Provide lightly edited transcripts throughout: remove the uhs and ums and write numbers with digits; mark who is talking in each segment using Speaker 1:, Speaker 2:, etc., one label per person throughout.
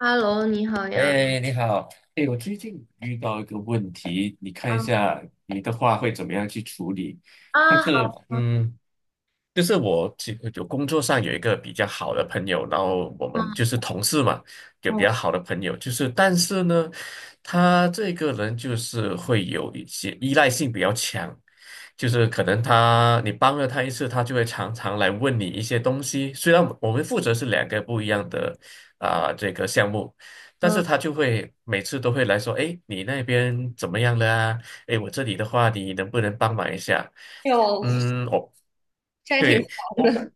Speaker 1: Hello，你好呀。
Speaker 2: 哎，你好。哎，我最近遇到一个问题，你看一
Speaker 1: 啊
Speaker 2: 下你的话会怎么样去处理？但
Speaker 1: 啊，
Speaker 2: 是，
Speaker 1: 好，
Speaker 2: 就是我有工作上有一个比较好的朋友，然后我们就是
Speaker 1: 嗯
Speaker 2: 同事嘛，有比
Speaker 1: 嗯
Speaker 2: 较好的朋友，但是呢，他这个人就是会有一些依赖性比较强，就是可能他你帮了他一次，他就会常常来问你一些东西。虽然我们负责是两个不一样的这个项目，但
Speaker 1: 嗯，
Speaker 2: 是他就会每次都会来说，哎，你那边怎么样了啊？哎，我这里的话，你能不能帮忙一下？
Speaker 1: 哎呦，
Speaker 2: 嗯，我
Speaker 1: 这还挺
Speaker 2: 对，
Speaker 1: 忙
Speaker 2: 我
Speaker 1: 的。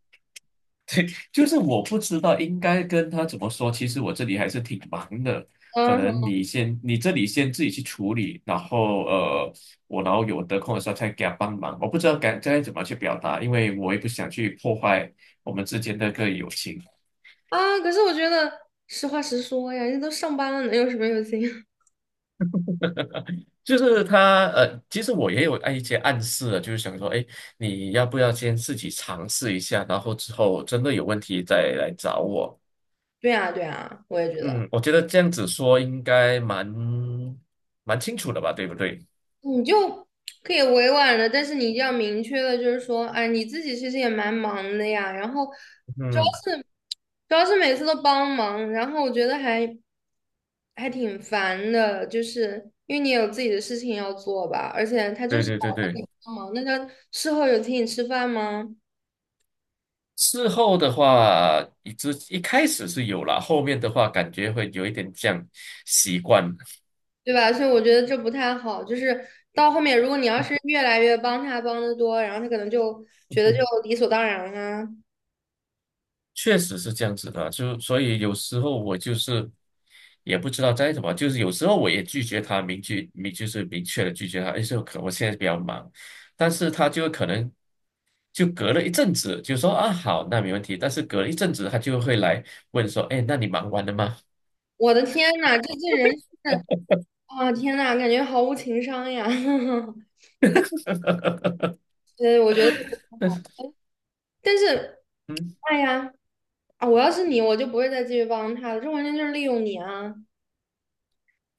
Speaker 2: 就是我不知道应该跟他怎么说。其实我这里还是挺忙的，可
Speaker 1: 嗯
Speaker 2: 能
Speaker 1: 哼
Speaker 2: 你这里先自己去处理，然后然后有得空的时候再给他帮忙。我不知道该怎么去表达，因为我也不想去破坏我们之间的友情。
Speaker 1: 啊，可是我觉得实话实说呀，人家都上班了，能有什么用心？
Speaker 2: 就是他其实我也有按一些暗示了，就是想说，哎，你要不要先自己尝试一下，然后之后真的有问题再来找我。
Speaker 1: 对啊，对啊，我也觉得，
Speaker 2: 嗯，我觉得这样子说应该蛮清楚的吧，对不对？
Speaker 1: 你就可以委婉的，但是你一定要明确的，就是说，哎，你自己其实也蛮忙的呀。然后主
Speaker 2: 嗯，
Speaker 1: 要是主要是每次都帮忙，然后我觉得还挺烦的，就是因为你有自己的事情要做吧，而且他就
Speaker 2: 对
Speaker 1: 是
Speaker 2: 对
Speaker 1: 老
Speaker 2: 对
Speaker 1: 让
Speaker 2: 对。
Speaker 1: 你帮忙，那他事后有请你吃饭吗？
Speaker 2: 事后的话，一开始是有啦，后面的话感觉会有一点这样习惯。
Speaker 1: 对吧？所以我觉得这不太好。就是到后面，如果你要是越来越帮他帮的多，然后他可能就觉得就 理所当然啊。
Speaker 2: 确实是这样子的，就所以有时候我就是也不知道在怎么，就是有时候我也拒绝他，明确明就是明确的拒绝他，哎，我现在比较忙，但是他就可能就隔了一阵子就说啊好，那没问题，但是隔了一阵子他就会来问说，哎，那你忙完了吗？
Speaker 1: 我的天呐，这人是啊，天呐，感觉毫无情商呀。所以我觉得这不太好。但是，
Speaker 2: 嗯，
Speaker 1: 哎呀，啊，我要是你，我就不会再继续帮他了，这完全就是利用你啊。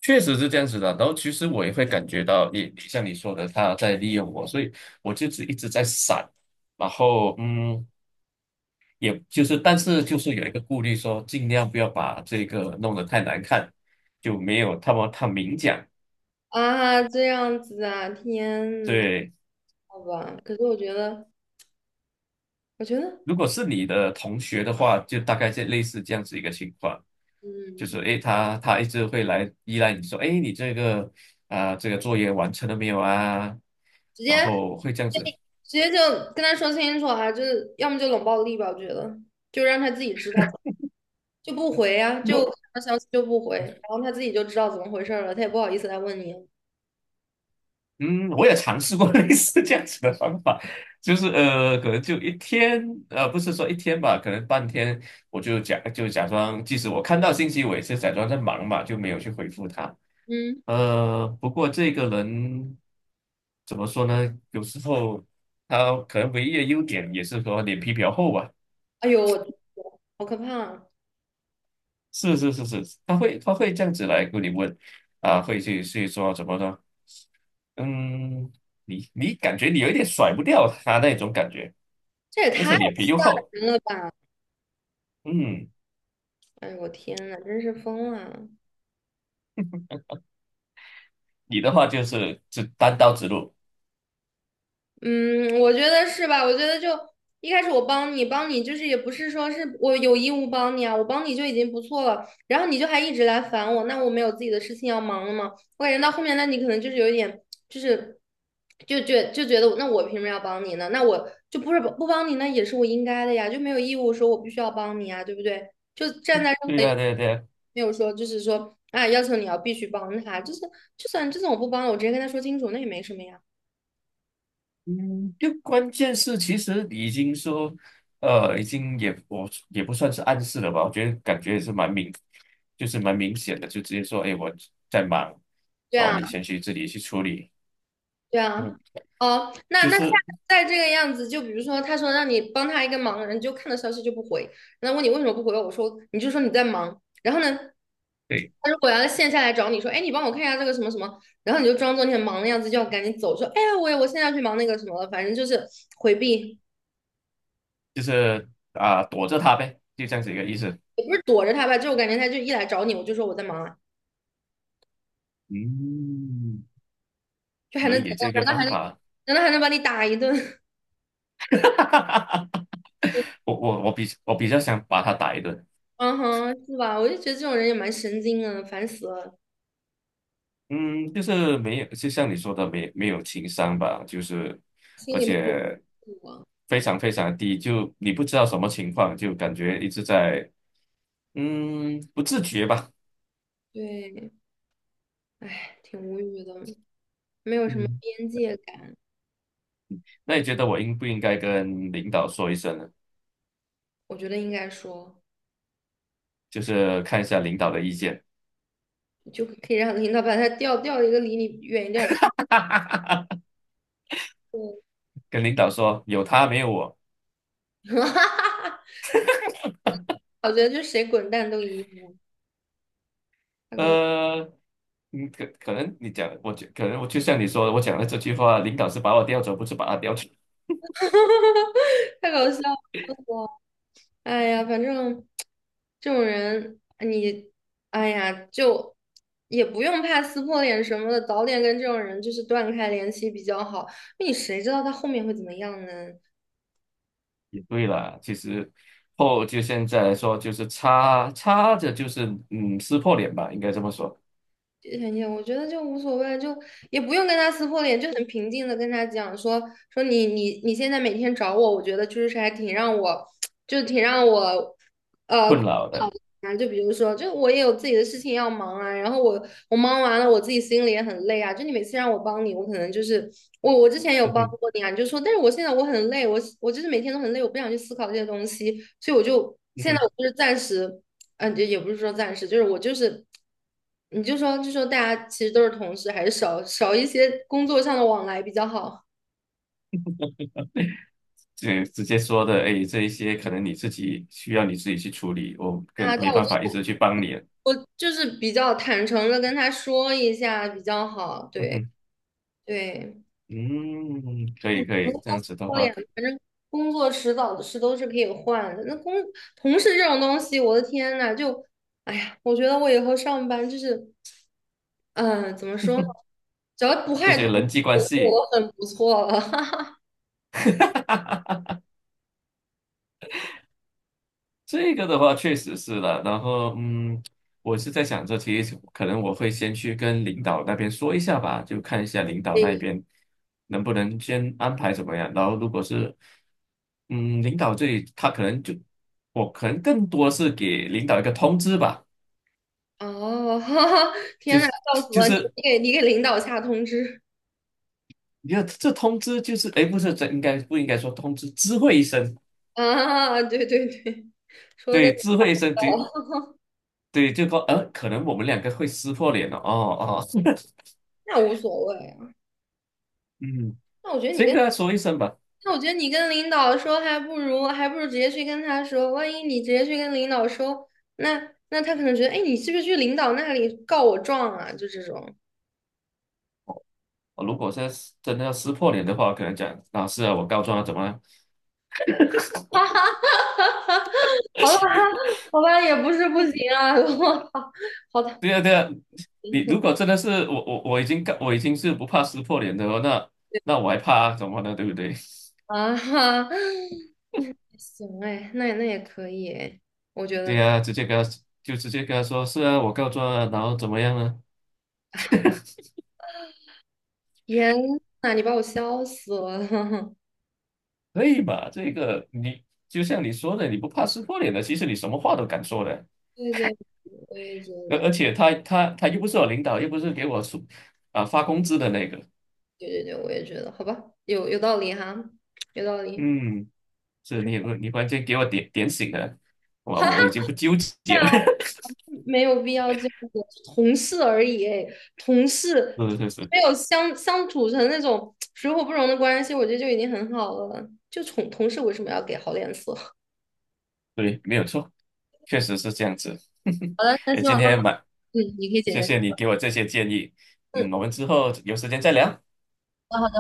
Speaker 2: 确实是这样子的。然后其实我也会感觉到你像你说的，他在利用我，所以我就是一直在闪，然后嗯。也就是，但是就是有一个顾虑说，尽量不要把这个弄得太难看，就没有他明讲。
Speaker 1: 啊，这样子啊，天呐，
Speaker 2: 对，
Speaker 1: 好吧。可是我觉得，
Speaker 2: 如果是你的同学的话，就大概这类似这样子一个情况，就
Speaker 1: 嗯，
Speaker 2: 是诶，他一直会来依赖你说，诶，你这个这个作业完成了没有啊？
Speaker 1: 直
Speaker 2: 然
Speaker 1: 接
Speaker 2: 后会这样子。
Speaker 1: 直接就跟他说清楚啊，就是要么就冷暴力吧，我觉得，就让他自己知道，就不回啊，就
Speaker 2: 如
Speaker 1: 看到消息就不回，然后他自己就知道怎么回事儿了，他也不好意思来问你。
Speaker 2: 嗯，我也尝试过 类似这样子的方法，就是可能就一天，不是说一天吧，可能半天，我就假装，即使我看到信息，我也是假装在忙嘛，就没有去回复他。
Speaker 1: 嗯，
Speaker 2: 不过这个人怎么说呢？有时候他可能唯一的优点也是说脸皮比较厚吧。
Speaker 1: 哎呦，我好可怕啊
Speaker 2: 是是是是，他会这样子来跟你问，啊，去说怎么呢？嗯，你你感觉你有一点甩不掉他那种感觉，
Speaker 1: 这也
Speaker 2: 而
Speaker 1: 太
Speaker 2: 且脸皮又
Speaker 1: 吓
Speaker 2: 厚。
Speaker 1: 人了吧！
Speaker 2: 嗯，
Speaker 1: 哎呦，我天呐，真是疯了。
Speaker 2: 你的话就是只单刀直入，
Speaker 1: 嗯，我觉得是吧？我觉得就一开始我帮你就是也不是说是我有义务帮你啊，我帮你就已经不错了。然后你就还一直来烦我，那我没有自己的事情要忙了吗？我感觉到后面，那你可能就是有一点，就是就觉得我，那我凭什么要帮你呢？那我就不是不帮你，那也是我应该的呀，就没有义务说我必须要帮你啊，对不对？就站在任
Speaker 2: 对
Speaker 1: 何一个
Speaker 2: 呀、对呀、对呀。
Speaker 1: 没有说就是说啊，要求你要必须帮他，就是就算我不帮了，我直接跟他说清楚，那也没什么呀。
Speaker 2: 嗯，就关键是其实已经说，已经也不算是暗示了吧，我觉得感觉也是蛮明显的，就直接说，哎，我在忙，
Speaker 1: 对
Speaker 2: 然后
Speaker 1: 啊。
Speaker 2: 你先去自己去处理，
Speaker 1: 对
Speaker 2: 嗯，
Speaker 1: 啊，哦，那
Speaker 2: 就
Speaker 1: 那下次
Speaker 2: 是。
Speaker 1: 再这个样子，就比如说他说让你帮他一个忙，你就看到消息就不回，然后问你为什么不回，我说你就说你在忙，然后呢，
Speaker 2: 对。
Speaker 1: 他如果要线下来找你说，哎，你帮我看一下这个什么什么，然后你就装作你很忙的样子，就要赶紧走，说，哎呀，我现在要去忙那个什么了，反正就是回避，
Speaker 2: 就是躲着他呗，就这样子一个意思。
Speaker 1: 也不是躲着他吧，就我感觉他就一来找你，我就说我在忙啊，
Speaker 2: 嗯，
Speaker 1: 就还
Speaker 2: 可
Speaker 1: 能怎
Speaker 2: 以，这
Speaker 1: 样？
Speaker 2: 个
Speaker 1: 难道还
Speaker 2: 方
Speaker 1: 能
Speaker 2: 法。
Speaker 1: 难道还能把你打一顿？
Speaker 2: 我比较想把他打一顿。
Speaker 1: 嗯哼，是吧？我就觉得这种人也蛮神经的，烦死了，
Speaker 2: 嗯，就是没有，就像你说的，没有情商吧，就是
Speaker 1: 心
Speaker 2: 而
Speaker 1: 里面有
Speaker 2: 且
Speaker 1: 数啊。
Speaker 2: 非常非常低，就你不知道什么情况，就感觉一直在不自觉吧。
Speaker 1: 对，哎，挺无语的，没有什么
Speaker 2: 嗯，
Speaker 1: 边界感。
Speaker 2: 那你觉得我应不应该跟领导说一声呢？
Speaker 1: 我觉得应该说，
Speaker 2: 就是看一下领导的意见。
Speaker 1: 你就可以让领导把他调一个离你远一点儿的部 分。
Speaker 2: 跟领导说有他没有我。
Speaker 1: 我觉得就谁滚蛋都一样，太搞笑，
Speaker 2: 呃，嗯，可可能你讲，我觉可能我就像你说的，我讲的这句话，领导是把我调走，不是把他调走，
Speaker 1: 太搞笑。哎呀，反正这种人，你，哎呀，就也不用怕撕破脸什么的，早点跟这种人就是断开联系比较好。那你谁知道他后面会怎么样呢？
Speaker 2: 也对啦。其实就现在来说，就是插插着就是撕破脸吧，应该这么说。
Speaker 1: 很也，我觉得就无所谓，就也不用跟他撕破脸，就很平静的跟他讲说你现在每天找我，我觉得就是还挺让我，就挺让我。呃。
Speaker 2: 困扰的。
Speaker 1: 啊，就比如说，就我也有自己的事情要忙啊，然后我忙完了，我自己心里也很累啊。就你每次让我帮你，我可能就是我之前有
Speaker 2: 嗯
Speaker 1: 帮
Speaker 2: 哼，
Speaker 1: 过你啊，你就说，但是我现在我很累，我就是每天都很累，我不想去思考这些东西，所以我就
Speaker 2: 嗯
Speaker 1: 现
Speaker 2: 哼，
Speaker 1: 在我就是暂时，就也不是说暂时，就是我就是，你就说大家其实都是同事，还是少少一些工作上的往来比较好。
Speaker 2: 这直接说的，哎，这一些可能你自己需要你自己去处理，我
Speaker 1: 对啊，对啊
Speaker 2: 没
Speaker 1: 我
Speaker 2: 办
Speaker 1: 就
Speaker 2: 法一直去帮你了。
Speaker 1: 我就是比较坦诚的跟他说一下比较好，
Speaker 2: 嗯
Speaker 1: 对
Speaker 2: 哼，
Speaker 1: 对。
Speaker 2: 嗯，可以可
Speaker 1: 不
Speaker 2: 以，
Speaker 1: 过
Speaker 2: 这样子的
Speaker 1: 说
Speaker 2: 话，
Speaker 1: 呀，反正工作迟早的事都是可以换的。那同事这种东西，我的天呐，就，哎呀，我觉得我以后上班就是，嗯、怎么说呢？只要不
Speaker 2: 这
Speaker 1: 害同
Speaker 2: 些人际关
Speaker 1: 事，
Speaker 2: 系。
Speaker 1: 我都很不错了。
Speaker 2: 这个的话确实是了，然后我是在想着，其实可能我会先去跟领导那边说一下吧，就看一下领导
Speaker 1: 嗯
Speaker 2: 那边能不能先安排怎么样。然后如果是嗯，领导这里他可能就可能更多是给领导一个通知吧，
Speaker 1: 哦，哈哈，
Speaker 2: 就
Speaker 1: 天呐，
Speaker 2: 是
Speaker 1: 笑死
Speaker 2: 就
Speaker 1: 了！你
Speaker 2: 是
Speaker 1: 你给你给领导下通知
Speaker 2: 你看这通知就是哎，诶不是这不应该说通知，知会一声，
Speaker 1: 啊？对对对，说的跟
Speaker 2: 对，
Speaker 1: 你
Speaker 2: 知会一声，对
Speaker 1: 一样
Speaker 2: 对，就说可能我们两个会撕破脸了，哦哦。
Speaker 1: 那无所谓啊。
Speaker 2: 嗯，
Speaker 1: 那我觉得你
Speaker 2: 先
Speaker 1: 跟
Speaker 2: 跟他说一声吧。
Speaker 1: 那我觉得你跟领导说，还不如直接去跟他说。万一你直接去跟领导说，那他可能觉得，哎，你是不是去领导那里告我状啊？就这种，
Speaker 2: 如果现在是真的要撕破脸的话，可能讲老师啊，我告状啊，怎么了？
Speaker 1: 好吧，也不是不行啊。我操，好的
Speaker 2: 对啊，对啊，你如果真的是我已经是不怕撕破脸的了，那那我还怕啊怎么呢？对不对？
Speaker 1: 啊哈，行哎，那也可以哎，我觉 得
Speaker 2: 对
Speaker 1: 可以，
Speaker 2: 啊，直接跟他就直接跟他说，是啊，我告状啊，然后怎么样呢？
Speaker 1: 天呐，你把我笑死了。
Speaker 2: 可以吧？这个你就像你说的，你不怕撕破脸的，其实你什么话都敢说的，
Speaker 1: 对对，我也觉得，
Speaker 2: 而且他又不是我领导，又不是给我出发工资的那个。
Speaker 1: 对对对，我也觉得，好吧，有道理哈，有道理。
Speaker 2: 嗯。是
Speaker 1: 你说，
Speaker 2: 你你关键给我点醒了，哇，我我
Speaker 1: 哈
Speaker 2: 已经不纠结了。
Speaker 1: 哈。没有必要这样子，同事而已，哎，同 事
Speaker 2: 是是是，
Speaker 1: 没有相处成那种水火不容的关系，我觉得就已经很好了。就同事为什么要给好脸色？好
Speaker 2: 对，没有错，确实是这样子。
Speaker 1: 的，那
Speaker 2: 哎，
Speaker 1: 希
Speaker 2: 今
Speaker 1: 望都好，
Speaker 2: 天蛮
Speaker 1: 嗯，你可以解
Speaker 2: 谢
Speaker 1: 决。
Speaker 2: 谢你给我这些建议，
Speaker 1: 嗯，
Speaker 2: 嗯，我们之后有时间再聊。
Speaker 1: 那好。